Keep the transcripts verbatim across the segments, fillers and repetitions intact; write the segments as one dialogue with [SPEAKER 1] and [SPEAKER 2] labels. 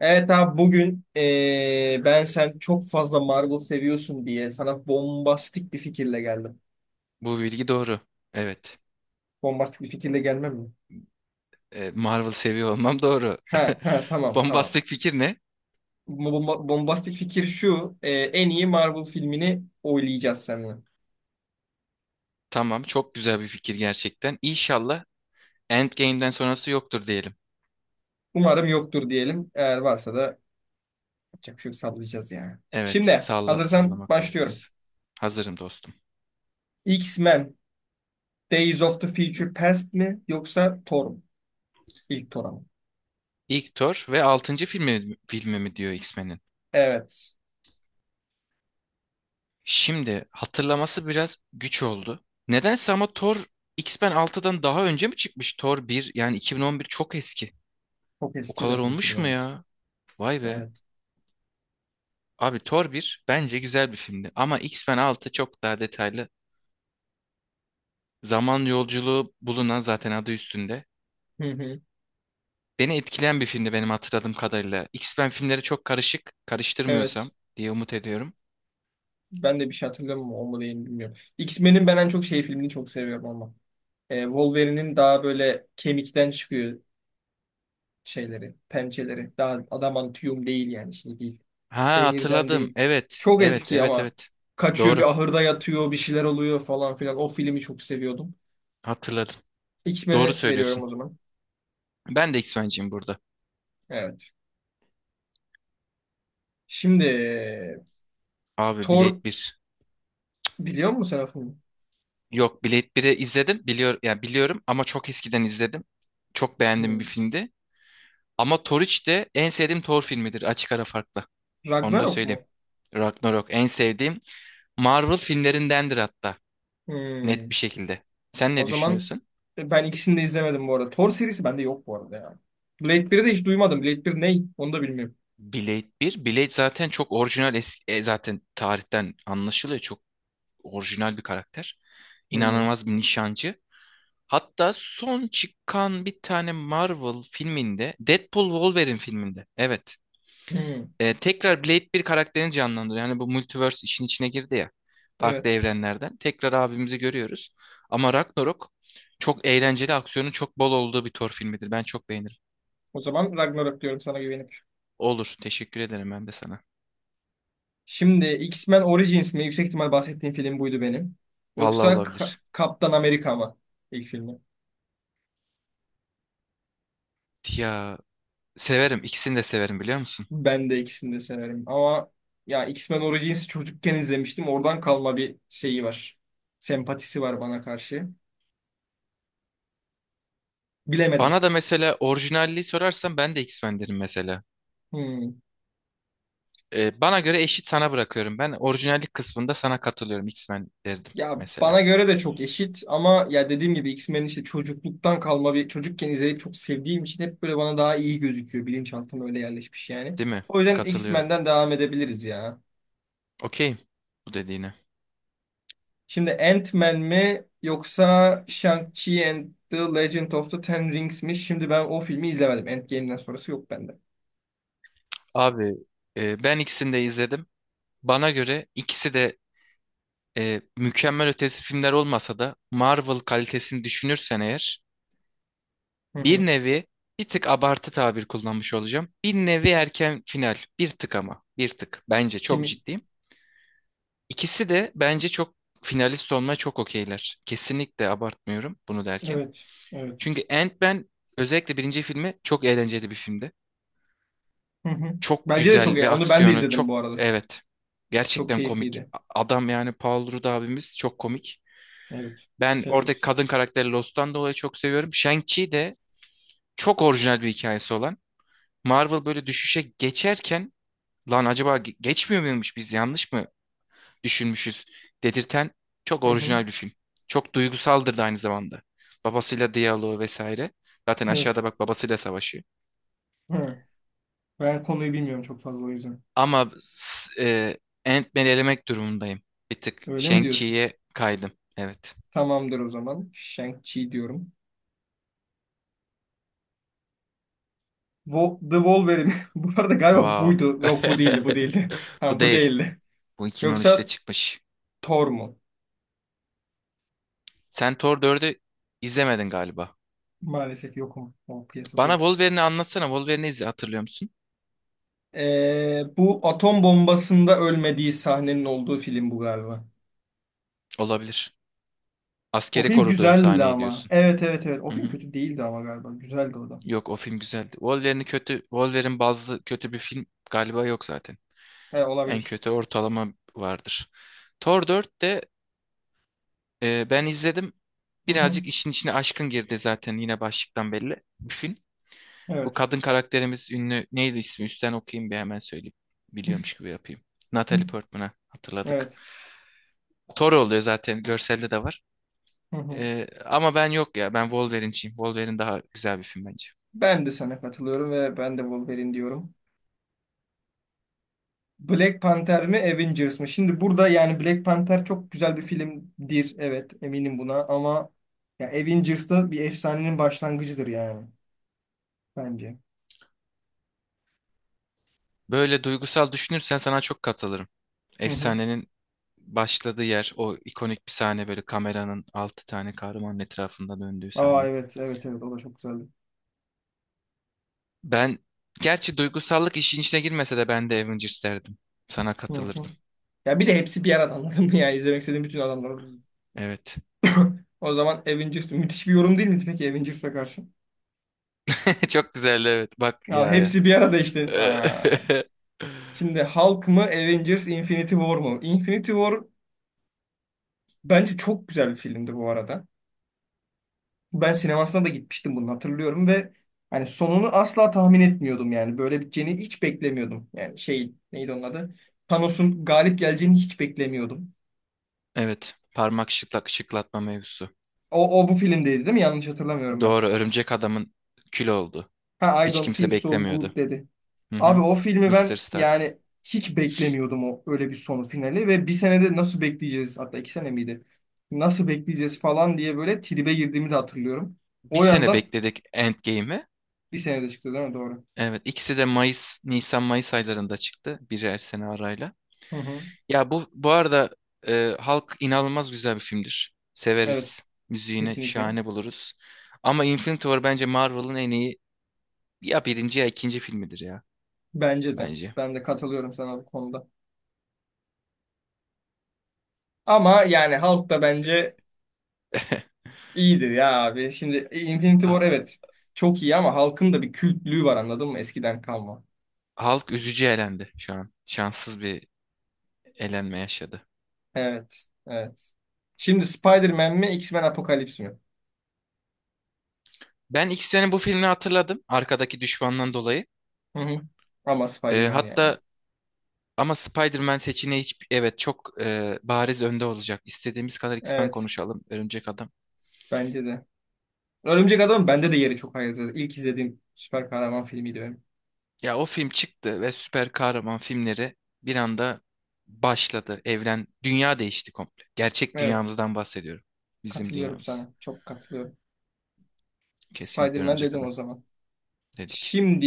[SPEAKER 1] Evet abi bugün eee, ben sen çok fazla Marvel seviyorsun diye sana bombastik bir fikirle geldim.
[SPEAKER 2] Bu bilgi doğru. Evet.
[SPEAKER 1] Bombastik bir fikirle gelmem mi?
[SPEAKER 2] E, Marvel seviyor olmam doğru.
[SPEAKER 1] Ha, ha, tamam, tamam.
[SPEAKER 2] Bombastik fikir ne?
[SPEAKER 1] Bomba- bombastik fikir şu. Eee, en iyi Marvel filmini oylayacağız seninle.
[SPEAKER 2] Tamam, çok güzel bir fikir gerçekten. İnşallah Endgame'den sonrası yoktur diyelim.
[SPEAKER 1] Umarım yoktur diyelim. Eğer varsa da yapacak bir şey yok, sallayacağız yani.
[SPEAKER 2] Evet,
[SPEAKER 1] Şimdi
[SPEAKER 2] salla
[SPEAKER 1] hazırsan
[SPEAKER 2] sallamak
[SPEAKER 1] başlıyorum.
[SPEAKER 2] durumdayız. Hazırım dostum.
[SPEAKER 1] X-Men Days of the Future Past mi yoksa Thor mu? İlk Thor ama.
[SPEAKER 2] İlk Thor ve altıncı filmi, filmi mi diyor X-Men'in?
[SPEAKER 1] Evet.
[SPEAKER 2] Şimdi hatırlaması biraz güç oldu. Nedense ama Thor X-Men altıdan daha önce mi çıkmış? Thor bir yani iki bin on bir çok eski.
[SPEAKER 1] Çok
[SPEAKER 2] O
[SPEAKER 1] eski
[SPEAKER 2] kadar
[SPEAKER 1] zaten
[SPEAKER 2] olmuş mu
[SPEAKER 1] iki bin on dokuz.
[SPEAKER 2] ya? Vay be.
[SPEAKER 1] Evet.
[SPEAKER 2] Abi Thor bir bence güzel bir filmdi ama X-Men Altı çok daha detaylı. Zaman yolculuğu bulunan zaten adı üstünde.
[SPEAKER 1] Hı hı.
[SPEAKER 2] Beni etkileyen bir filmdi benim hatırladığım kadarıyla. X-Men filmleri çok karışık,
[SPEAKER 1] Evet.
[SPEAKER 2] karıştırmıyorsam diye umut ediyorum.
[SPEAKER 1] Ben de bir şey hatırlamıyorum. O mu değil mi bilmiyorum. X-Men'in ben en çok şey filmini çok seviyorum ama. Ee, Wolverine'in daha böyle kemikten çıkıyor şeyleri, pençeleri. Daha adamantium değil yani şey değil.
[SPEAKER 2] Ha,
[SPEAKER 1] Demirden
[SPEAKER 2] hatırladım.
[SPEAKER 1] değil.
[SPEAKER 2] Evet,
[SPEAKER 1] Çok
[SPEAKER 2] evet,
[SPEAKER 1] eski
[SPEAKER 2] evet,
[SPEAKER 1] ama
[SPEAKER 2] evet.
[SPEAKER 1] kaçıyor,
[SPEAKER 2] Doğru.
[SPEAKER 1] bir ahırda yatıyor, bir şeyler oluyor falan filan. O filmi çok seviyordum.
[SPEAKER 2] Hatırladım. Doğru
[SPEAKER 1] X-Men'e veriyorum
[SPEAKER 2] söylüyorsun.
[SPEAKER 1] o zaman.
[SPEAKER 2] Ben de X-Men'ciyim burada.
[SPEAKER 1] Evet. Şimdi
[SPEAKER 2] Abi,
[SPEAKER 1] Thor,
[SPEAKER 2] Blade bir.
[SPEAKER 1] biliyor musun sen o filmi?
[SPEAKER 2] Yok, Blade biri izledim. Biliyor, yani biliyorum ama çok eskiden izledim. Çok beğendiğim
[SPEAKER 1] Hmm.
[SPEAKER 2] bir filmdi. Ama Thor üç de en sevdiğim Thor filmidir açık ara farkla. Onu da
[SPEAKER 1] Ragnarok
[SPEAKER 2] söyleyeyim.
[SPEAKER 1] mu?
[SPEAKER 2] Ragnarok en sevdiğim Marvel filmlerindendir, hatta net
[SPEAKER 1] Hmm.
[SPEAKER 2] bir şekilde. Sen
[SPEAKER 1] O
[SPEAKER 2] ne
[SPEAKER 1] zaman
[SPEAKER 2] düşünüyorsun?
[SPEAKER 1] e, ben ikisini de izlemedim bu arada. Thor serisi bende yok bu arada ya. Blade biri de hiç duymadım. Blade bir ney? Onu da bilmiyorum.
[SPEAKER 2] Blade bir, Blade zaten çok orijinal, eski, e, zaten tarihten anlaşılıyor. Çok orijinal bir karakter.
[SPEAKER 1] Hmm.
[SPEAKER 2] İnanılmaz bir nişancı. Hatta son çıkan bir tane Marvel filminde, Deadpool Wolverine filminde. Evet.
[SPEAKER 1] Hmm.
[SPEAKER 2] E, tekrar Blade bir karakterini canlandırıyor. Yani bu multiverse işin içine girdi ya. Farklı
[SPEAKER 1] Evet.
[SPEAKER 2] evrenlerden. Tekrar abimizi görüyoruz. Ama Ragnarok çok eğlenceli, aksiyonun çok bol olduğu bir Thor filmidir. Ben çok beğenirim.
[SPEAKER 1] O zaman Ragnarok diyorum sana güvenip.
[SPEAKER 2] Olur. Teşekkür ederim ben de sana.
[SPEAKER 1] Şimdi X-Men Origins mi? Yüksek ihtimal bahsettiğim film buydu benim.
[SPEAKER 2] Vallahi
[SPEAKER 1] Yoksa Ka-
[SPEAKER 2] olabilir.
[SPEAKER 1] Kaptan Amerika mı? İlk filmi.
[SPEAKER 2] Ya, severim. İkisini de severim, biliyor musun?
[SPEAKER 1] Ben de ikisini de severim. Ama ya X-Men Origins'i çocukken izlemiştim. Oradan kalma bir şeyi var. Sempatisi var bana karşı. Bilemedim.
[SPEAKER 2] Bana da mesela orijinalliği sorarsan ben de X-Men derim mesela.
[SPEAKER 1] Hmm.
[SPEAKER 2] E, bana göre eşit, sana bırakıyorum. Ben orijinallik kısmında sana katılıyorum. X-Men derdim
[SPEAKER 1] Ya
[SPEAKER 2] mesela.
[SPEAKER 1] bana göre de çok eşit ama ya dediğim gibi x menin işte çocukluktan kalma, bir çocukken izleyip çok sevdiğim için hep böyle bana daha iyi gözüküyor. Bilinçaltıma öyle yerleşmiş yani.
[SPEAKER 2] Değil mi?
[SPEAKER 1] O yüzden
[SPEAKER 2] Katılıyorum.
[SPEAKER 1] X-Men'den devam edebiliriz ya.
[SPEAKER 2] Okey. Bu dediğine.
[SPEAKER 1] Şimdi Ant-Man mi yoksa Shang-Chi and the Legend of the Ten Rings mi? Şimdi ben o filmi izlemedim. Endgame'den sonrası yok bende.
[SPEAKER 2] Abi, e, ben ikisini de izledim. Bana göre ikisi de e, mükemmel ötesi filmler olmasa da Marvel kalitesini düşünürsen eğer,
[SPEAKER 1] Hı hı.
[SPEAKER 2] bir nevi bir tık abartı tabir kullanmış olacağım. Bir nevi erken final. Bir tık ama. Bir tık. Bence çok
[SPEAKER 1] Kimi?
[SPEAKER 2] ciddiyim. İkisi de bence çok finalist olmaya çok okeyler. Kesinlikle abartmıyorum bunu derken.
[SPEAKER 1] Evet. Evet.
[SPEAKER 2] Çünkü Ant-Man, özellikle birinci filmi, çok eğlenceli bir filmdi.
[SPEAKER 1] Hı hı.
[SPEAKER 2] Çok
[SPEAKER 1] Bence de çok
[SPEAKER 2] güzel
[SPEAKER 1] iyi.
[SPEAKER 2] bir
[SPEAKER 1] Onu ben de
[SPEAKER 2] aksiyonu.
[SPEAKER 1] izledim
[SPEAKER 2] Çok,
[SPEAKER 1] bu arada.
[SPEAKER 2] evet.
[SPEAKER 1] Çok
[SPEAKER 2] Gerçekten komik.
[SPEAKER 1] keyifliydi.
[SPEAKER 2] A- Adam, yani Paul Rudd abimiz, çok komik.
[SPEAKER 1] Evet.
[SPEAKER 2] Ben oradaki
[SPEAKER 1] Severiz.
[SPEAKER 2] kadın karakteri Lost'tan dolayı çok seviyorum. Shang-Chi de çok orijinal bir hikayesi olan. Marvel böyle düşüşe geçerken, lan acaba ge- geçmiyor muymuş, biz yanlış mı düşünmüşüz dedirten çok
[SPEAKER 1] Hı hı.
[SPEAKER 2] orijinal bir film. Çok duygusaldır da aynı zamanda. Babasıyla diyaloğu vesaire. Zaten
[SPEAKER 1] Evet.
[SPEAKER 2] aşağıda bak, babasıyla savaşıyor.
[SPEAKER 1] Hı. Ben konuyu bilmiyorum çok fazla, o yüzden.
[SPEAKER 2] Ama s- e, Ant-Man'i elemek durumundayım. Bir tık
[SPEAKER 1] Öyle mi diyorsun?
[SPEAKER 2] Shang-Chi'ye kaydım. Evet.
[SPEAKER 1] Tamamdır o zaman. Shang-Chi diyorum. Wo The Wolverine. Bu arada galiba
[SPEAKER 2] Wow.
[SPEAKER 1] buydu. Yok, bu değildi, bu değildi. Ha,
[SPEAKER 2] Bu
[SPEAKER 1] bu
[SPEAKER 2] değil.
[SPEAKER 1] değildi.
[SPEAKER 2] Bu iki bin on üçte
[SPEAKER 1] Yoksa
[SPEAKER 2] çıkmış.
[SPEAKER 1] Thor mu?
[SPEAKER 2] Sen Thor dördü izlemedin galiba.
[SPEAKER 1] Maalesef yokum. O piyasada
[SPEAKER 2] Bana
[SPEAKER 1] yok.
[SPEAKER 2] Wolverine'i anlatsana. Wolverine'i izle, hatırlıyor musun?
[SPEAKER 1] Ee, bu atom bombasında ölmediği sahnenin olduğu film bu galiba.
[SPEAKER 2] Olabilir.
[SPEAKER 1] O
[SPEAKER 2] Askeri
[SPEAKER 1] film
[SPEAKER 2] koruduğu
[SPEAKER 1] güzeldi
[SPEAKER 2] sahneyi
[SPEAKER 1] ama.
[SPEAKER 2] diyorsun.
[SPEAKER 1] Evet, evet, evet. O
[SPEAKER 2] Hı
[SPEAKER 1] film
[SPEAKER 2] hı.
[SPEAKER 1] kötü değildi ama galiba. Güzeldi o da.
[SPEAKER 2] Yok, o film güzeldi. Wolverine'i kötü, Wolverine bazlı kötü bir film galiba yok zaten.
[SPEAKER 1] He,
[SPEAKER 2] En
[SPEAKER 1] olabilir.
[SPEAKER 2] kötü ortalama vardır. Thor dört de Ee, ben izledim.
[SPEAKER 1] Hı hı.
[SPEAKER 2] Birazcık işin içine aşkın girdi, zaten yine başlıktan belli bir film. Bu
[SPEAKER 1] Evet.
[SPEAKER 2] kadın karakterimiz ünlü, neydi ismi? Üstten okuyayım bir, hemen söyleyeyim. Biliyormuş gibi yapayım. Natalie Portman'a hatırladık.
[SPEAKER 1] Evet.
[SPEAKER 2] Thor oluyor, zaten görselde de var.
[SPEAKER 1] Hı hı.
[SPEAKER 2] Ee, ama ben, yok ya, ben Wolverine'ciyim. Wolverine daha güzel bir film bence.
[SPEAKER 1] Ben de sana katılıyorum ve ben de Wolverine diyorum. Black Panther mi Avengers mı? Şimdi burada yani Black Panther çok güzel bir filmdir. Evet, eminim buna, ama ya Avengers da bir efsanenin başlangıcıdır yani bence.
[SPEAKER 2] Böyle duygusal düşünürsen sana çok katılırım.
[SPEAKER 1] Hı hı.
[SPEAKER 2] Efsanenin başladığı yer, o ikonik bir sahne, böyle kameranın altı tane kahramanın etrafında döndüğü
[SPEAKER 1] Aa
[SPEAKER 2] sahne.
[SPEAKER 1] evet, evet, evet, o da çok güzeldi.
[SPEAKER 2] Ben gerçi duygusallık işin içine girmese de ben de Avengers derdim. Sana
[SPEAKER 1] Hı hı.
[SPEAKER 2] katılırdım.
[SPEAKER 1] Ya bir de hepsi bir arada, anladın mı ya, izlemek istediğim bütün adamlar.
[SPEAKER 2] Evet.
[SPEAKER 1] O zaman Avengers müthiş bir yorum, değil mi peki Avengers'a karşı?
[SPEAKER 2] Çok güzel, evet. Bak
[SPEAKER 1] Ya
[SPEAKER 2] ya. Ya.
[SPEAKER 1] hepsi bir arada işte. Aa. Şimdi Hulk mı Avengers Infinity War mu? Infinity War bence çok güzel bir filmdir bu arada. Ben sinemasına da gitmiştim bunu hatırlıyorum ve hani sonunu asla tahmin etmiyordum yani. Böyle biteceğini hiç beklemiyordum. Yani şey neydi onun adı? Thanos'un galip geleceğini hiç beklemiyordum.
[SPEAKER 2] Evet. Parmak şıklak şıklatma mevzusu.
[SPEAKER 1] O, o bu filmdeydi değil mi? Yanlış hatırlamıyorum ben.
[SPEAKER 2] Doğru. Örümcek adamın kül oldu.
[SPEAKER 1] Ha, I
[SPEAKER 2] Hiç
[SPEAKER 1] don't feel
[SPEAKER 2] kimse
[SPEAKER 1] so good
[SPEAKER 2] beklemiyordu.
[SPEAKER 1] dedi.
[SPEAKER 2] Hı
[SPEAKER 1] Abi
[SPEAKER 2] hı.
[SPEAKER 1] o filmi
[SPEAKER 2] mister
[SPEAKER 1] ben
[SPEAKER 2] Stark.
[SPEAKER 1] yani hiç beklemiyordum o öyle bir sonu finali ve bir senede nasıl bekleyeceğiz, hatta iki sene miydi? Nasıl bekleyeceğiz falan diye böyle tribe girdiğimi de hatırlıyorum.
[SPEAKER 2] Bir
[SPEAKER 1] O
[SPEAKER 2] sene
[SPEAKER 1] yandan
[SPEAKER 2] bekledik Endgame'i.
[SPEAKER 1] bir senede çıktı değil mi? Doğru.
[SPEAKER 2] Evet, ikisi de Mayıs, Nisan Mayıs aylarında çıktı, biri her sene arayla.
[SPEAKER 1] Hı hı.
[SPEAKER 2] Ya, bu bu arada e, Hulk inanılmaz güzel bir filmdir.
[SPEAKER 1] Evet,
[SPEAKER 2] Severiz. Müziğini
[SPEAKER 1] kesinlikle.
[SPEAKER 2] şahane buluruz. Ama Infinity War bence Marvel'ın en iyi ya birinci ya ikinci filmidir ya,
[SPEAKER 1] Bence de.
[SPEAKER 2] bence.
[SPEAKER 1] Ben de katılıyorum sana bu konuda. Ama yani Hulk da bence iyidir ya abi. Şimdi Infinity War
[SPEAKER 2] Ha-
[SPEAKER 1] evet çok iyi ama Hulk'ın da bir kültlüğü var, anladın mı? Eskiden kalma.
[SPEAKER 2] Hulk üzücü elendi şu an. Şanssız bir elenme yaşadı.
[SPEAKER 1] Evet. Evet. Şimdi Spider-Man mi X-Men Apokalips mi?
[SPEAKER 2] Ben X-Men'in bu filmini hatırladım. Arkadaki düşmandan dolayı.
[SPEAKER 1] Hı hı. Ama
[SPEAKER 2] E,
[SPEAKER 1] Spider-Man yani.
[SPEAKER 2] hatta ama Spider-Man seçeneği hiç, evet, çok e, bariz önde olacak. İstediğimiz kadar X-Men
[SPEAKER 1] Evet.
[SPEAKER 2] konuşalım, Örümcek Adam.
[SPEAKER 1] Bence de. Örümcek Adam bende de yeri çok ayrıdır. İlk izlediğim süper kahraman filmiydi benim.
[SPEAKER 2] Ya, o film çıktı ve süper kahraman filmleri bir anda başladı. Evren, dünya değişti komple. Gerçek
[SPEAKER 1] Evet.
[SPEAKER 2] dünyamızdan bahsediyorum. Bizim
[SPEAKER 1] Katılıyorum
[SPEAKER 2] dünyamız.
[SPEAKER 1] sana. Çok katılıyorum.
[SPEAKER 2] Kesinlikle
[SPEAKER 1] Spider-Man
[SPEAKER 2] Örümcek
[SPEAKER 1] dedim
[SPEAKER 2] Adam
[SPEAKER 1] o zaman.
[SPEAKER 2] dedik.
[SPEAKER 1] Şimdi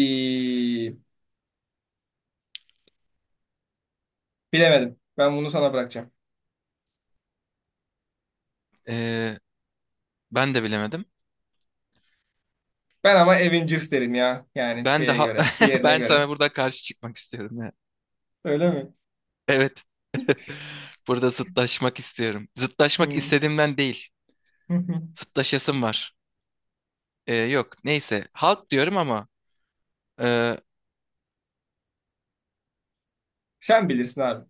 [SPEAKER 1] bilemedim. Ben bunu sana bırakacağım.
[SPEAKER 2] E, ben de bilemedim.
[SPEAKER 1] Ben ama Avengers derim ya. Yani
[SPEAKER 2] Ben
[SPEAKER 1] şeye
[SPEAKER 2] daha
[SPEAKER 1] göre, diğerine
[SPEAKER 2] ben
[SPEAKER 1] göre.
[SPEAKER 2] sana burada karşı çıkmak istiyorum ya.
[SPEAKER 1] Öyle mi?
[SPEAKER 2] Evet. Burada zıtlaşmak istiyorum. Zıtlaşmak
[SPEAKER 1] Hmm.
[SPEAKER 2] istediğimden değil. Zıtlaşasım var. Ee, yok neyse, halk diyorum ama e,
[SPEAKER 1] Sen bilirsin abi.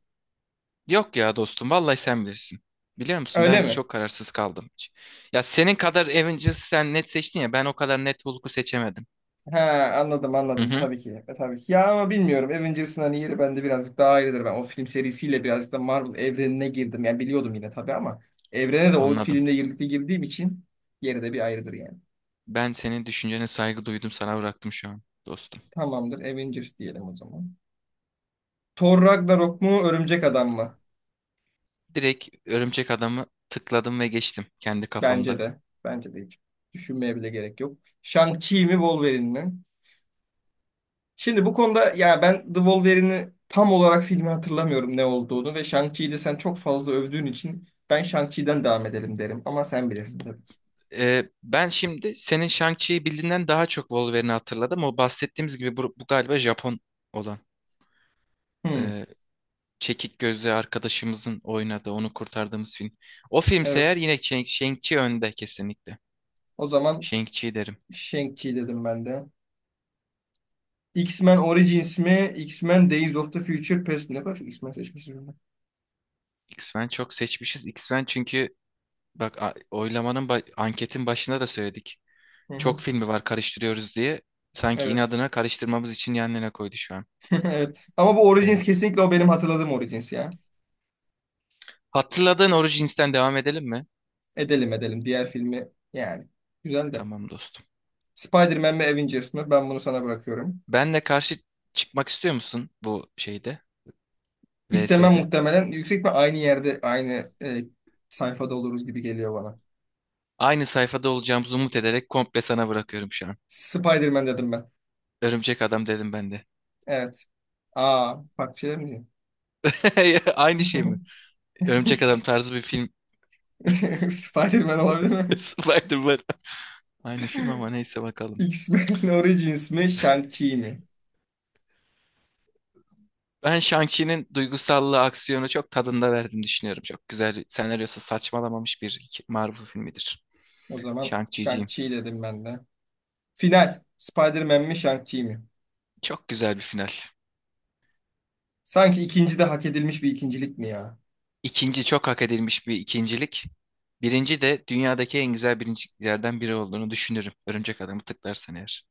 [SPEAKER 2] yok ya dostum, vallahi sen bilirsin. Biliyor musun,
[SPEAKER 1] Öyle
[SPEAKER 2] ben
[SPEAKER 1] mi?
[SPEAKER 2] çok kararsız kaldım. Ya senin kadar Avengers'ı sen net seçtin ya ben o kadar net Hulk'u seçemedim.
[SPEAKER 1] Ha, anladım,
[SPEAKER 2] Hı
[SPEAKER 1] anladım
[SPEAKER 2] hı.
[SPEAKER 1] tabii ki. E, tabii ki. Ya ama bilmiyorum. Avengers'ın hani yeri bende birazcık daha ayrıdır. Ben o film serisiyle birazcık da Marvel evrenine girdim. Yani biliyordum yine tabii ama evrene de o
[SPEAKER 2] Anladım.
[SPEAKER 1] filmle birlikte girdiğim için yeri de bir ayrıdır yani.
[SPEAKER 2] Ben senin düşüncene saygı duydum, sana bıraktım şu an dostum.
[SPEAKER 1] Tamamdır. Avengers diyelim o zaman. Thor Ragnarok mu, Örümcek Adam mı?
[SPEAKER 2] Direkt Örümcek Adam'ı tıkladım ve geçtim kendi
[SPEAKER 1] Bence
[SPEAKER 2] kafamda.
[SPEAKER 1] de. Bence de hiç düşünmeye bile gerek yok. Shang-Chi mi, Wolverine mi? Şimdi bu konuda ya ben The Wolverine'i tam olarak filmi hatırlamıyorum ne olduğunu ve Shang-Chi'yi de sen çok fazla övdüğün için ben Shang-Chi'den devam edelim derim, ama sen bilirsin
[SPEAKER 2] Bu-
[SPEAKER 1] tabii ki.
[SPEAKER 2] e, ben şimdi senin Shang-Chi'yi bildiğinden daha çok Wolverine'i hatırladım. O bahsettiğimiz gibi, bu, bu galiba Japon olan.
[SPEAKER 1] Hmm,
[SPEAKER 2] e, Çekik gözlü arkadaşımızın oynadığı, onu kurtardığımız film. O filmse eğer,
[SPEAKER 1] evet.
[SPEAKER 2] yine Shang- Shang-Chi önde, kesinlikle.
[SPEAKER 1] O zaman
[SPEAKER 2] Shang-Chi derim.
[SPEAKER 1] Shang-Chi dedim ben de. X-Men Origins mi? X-Men Days of the Future Past mi? Ne kadar çok X-Men seçmişim ben.
[SPEAKER 2] X-Men çok seçmişiz. X-Men çünkü, bak, a- oylamanın ba- anketin başında da söyledik.
[SPEAKER 1] Hı hı.
[SPEAKER 2] Çok filmi var, karıştırıyoruz diye. Sanki
[SPEAKER 1] Evet.
[SPEAKER 2] inadına karıştırmamız için yanlarına koydu şu an.
[SPEAKER 1] Evet. Ama bu Origins
[SPEAKER 2] Evet.
[SPEAKER 1] kesinlikle, o benim hatırladığım Origins ya.
[SPEAKER 2] Hatırladığın Origins'ten devam edelim mi?
[SPEAKER 1] Edelim, edelim. Diğer filmi yani. Güzel de.
[SPEAKER 2] Tamam dostum.
[SPEAKER 1] Spider-Man mi Avengers mi? Ben bunu sana bırakıyorum.
[SPEAKER 2] Benle karşı çıkmak istiyor musun bu şeyde?
[SPEAKER 1] İstemem
[SPEAKER 2] V S'de.
[SPEAKER 1] muhtemelen. Yüksek ve aynı yerde, aynı e, sayfada oluruz gibi geliyor bana.
[SPEAKER 2] Aynı sayfada olacağımızı umut ederek komple sana bırakıyorum şu an.
[SPEAKER 1] Spider-Man dedim ben.
[SPEAKER 2] Örümcek adam dedim ben de.
[SPEAKER 1] Evet. Aa, farklı şeyler mi diyeyim?
[SPEAKER 2] Aynı şey mi? Örümcek Adam tarzı bir film.
[SPEAKER 1] Spider-Man olabilir mi?
[SPEAKER 2] Spider-Man. Aynı film ama neyse, bakalım.
[SPEAKER 1] X-Men Origins mi, Shang-Chi mi?
[SPEAKER 2] Ben Shang-Chi'nin duygusallığı, aksiyonu çok tadında verdiğini düşünüyorum. Çok güzel, senaryosu saçmalamamış bir iki- Marvel filmidir.
[SPEAKER 1] O zaman
[SPEAKER 2] Shang-Chi'ciyim.
[SPEAKER 1] Shang-Chi dedim ben de. Final. Spider-Man mi, Shang-Chi mi?
[SPEAKER 2] Çok güzel bir final.
[SPEAKER 1] Sanki ikinci de hak edilmiş bir ikincilik mi ya?
[SPEAKER 2] İkinci, çok hak edilmiş bir ikincilik. Birinci de dünyadaki en güzel birinciliklerden biri olduğunu düşünürüm, Örümcek Adam'ı tıklarsan eğer.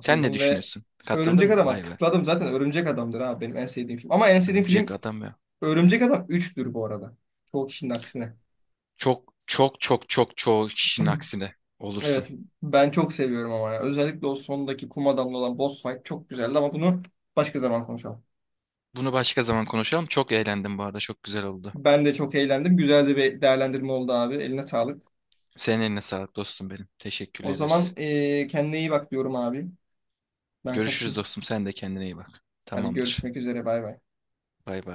[SPEAKER 2] Sen ne
[SPEAKER 1] ve
[SPEAKER 2] düşünüyorsun? Katıldın
[SPEAKER 1] Örümcek
[SPEAKER 2] mı?
[SPEAKER 1] Adam'a
[SPEAKER 2] Vay be.
[SPEAKER 1] tıkladım. Zaten Örümcek Adam'dır abi benim en sevdiğim film. Ama en sevdiğim
[SPEAKER 2] Örümcek
[SPEAKER 1] film
[SPEAKER 2] Adam ya.
[SPEAKER 1] Örümcek Adam üçtür bu arada. Çoğu kişinin aksine.
[SPEAKER 2] Çok çok çok çok çoğu kişinin aksine olursun.
[SPEAKER 1] Evet, ben çok seviyorum ama ya. Özellikle o sondaki kum adamlı olan boss fight çok güzeldi ama bunu başka zaman konuşalım.
[SPEAKER 2] Bunu başka zaman konuşalım. Çok eğlendim bu arada. Çok güzel oldu.
[SPEAKER 1] Ben de çok eğlendim. Güzel de bir değerlendirme oldu abi. Eline sağlık.
[SPEAKER 2] Senin eline sağlık dostum benim. Teşekkür
[SPEAKER 1] O zaman
[SPEAKER 2] ederiz.
[SPEAKER 1] eee kendine iyi bak diyorum abi. Ben
[SPEAKER 2] Görüşürüz
[SPEAKER 1] kaçayım.
[SPEAKER 2] dostum. Sen de kendine iyi bak.
[SPEAKER 1] Hadi
[SPEAKER 2] Tamamdır.
[SPEAKER 1] görüşmek üzere, bay bay.
[SPEAKER 2] Bay bay.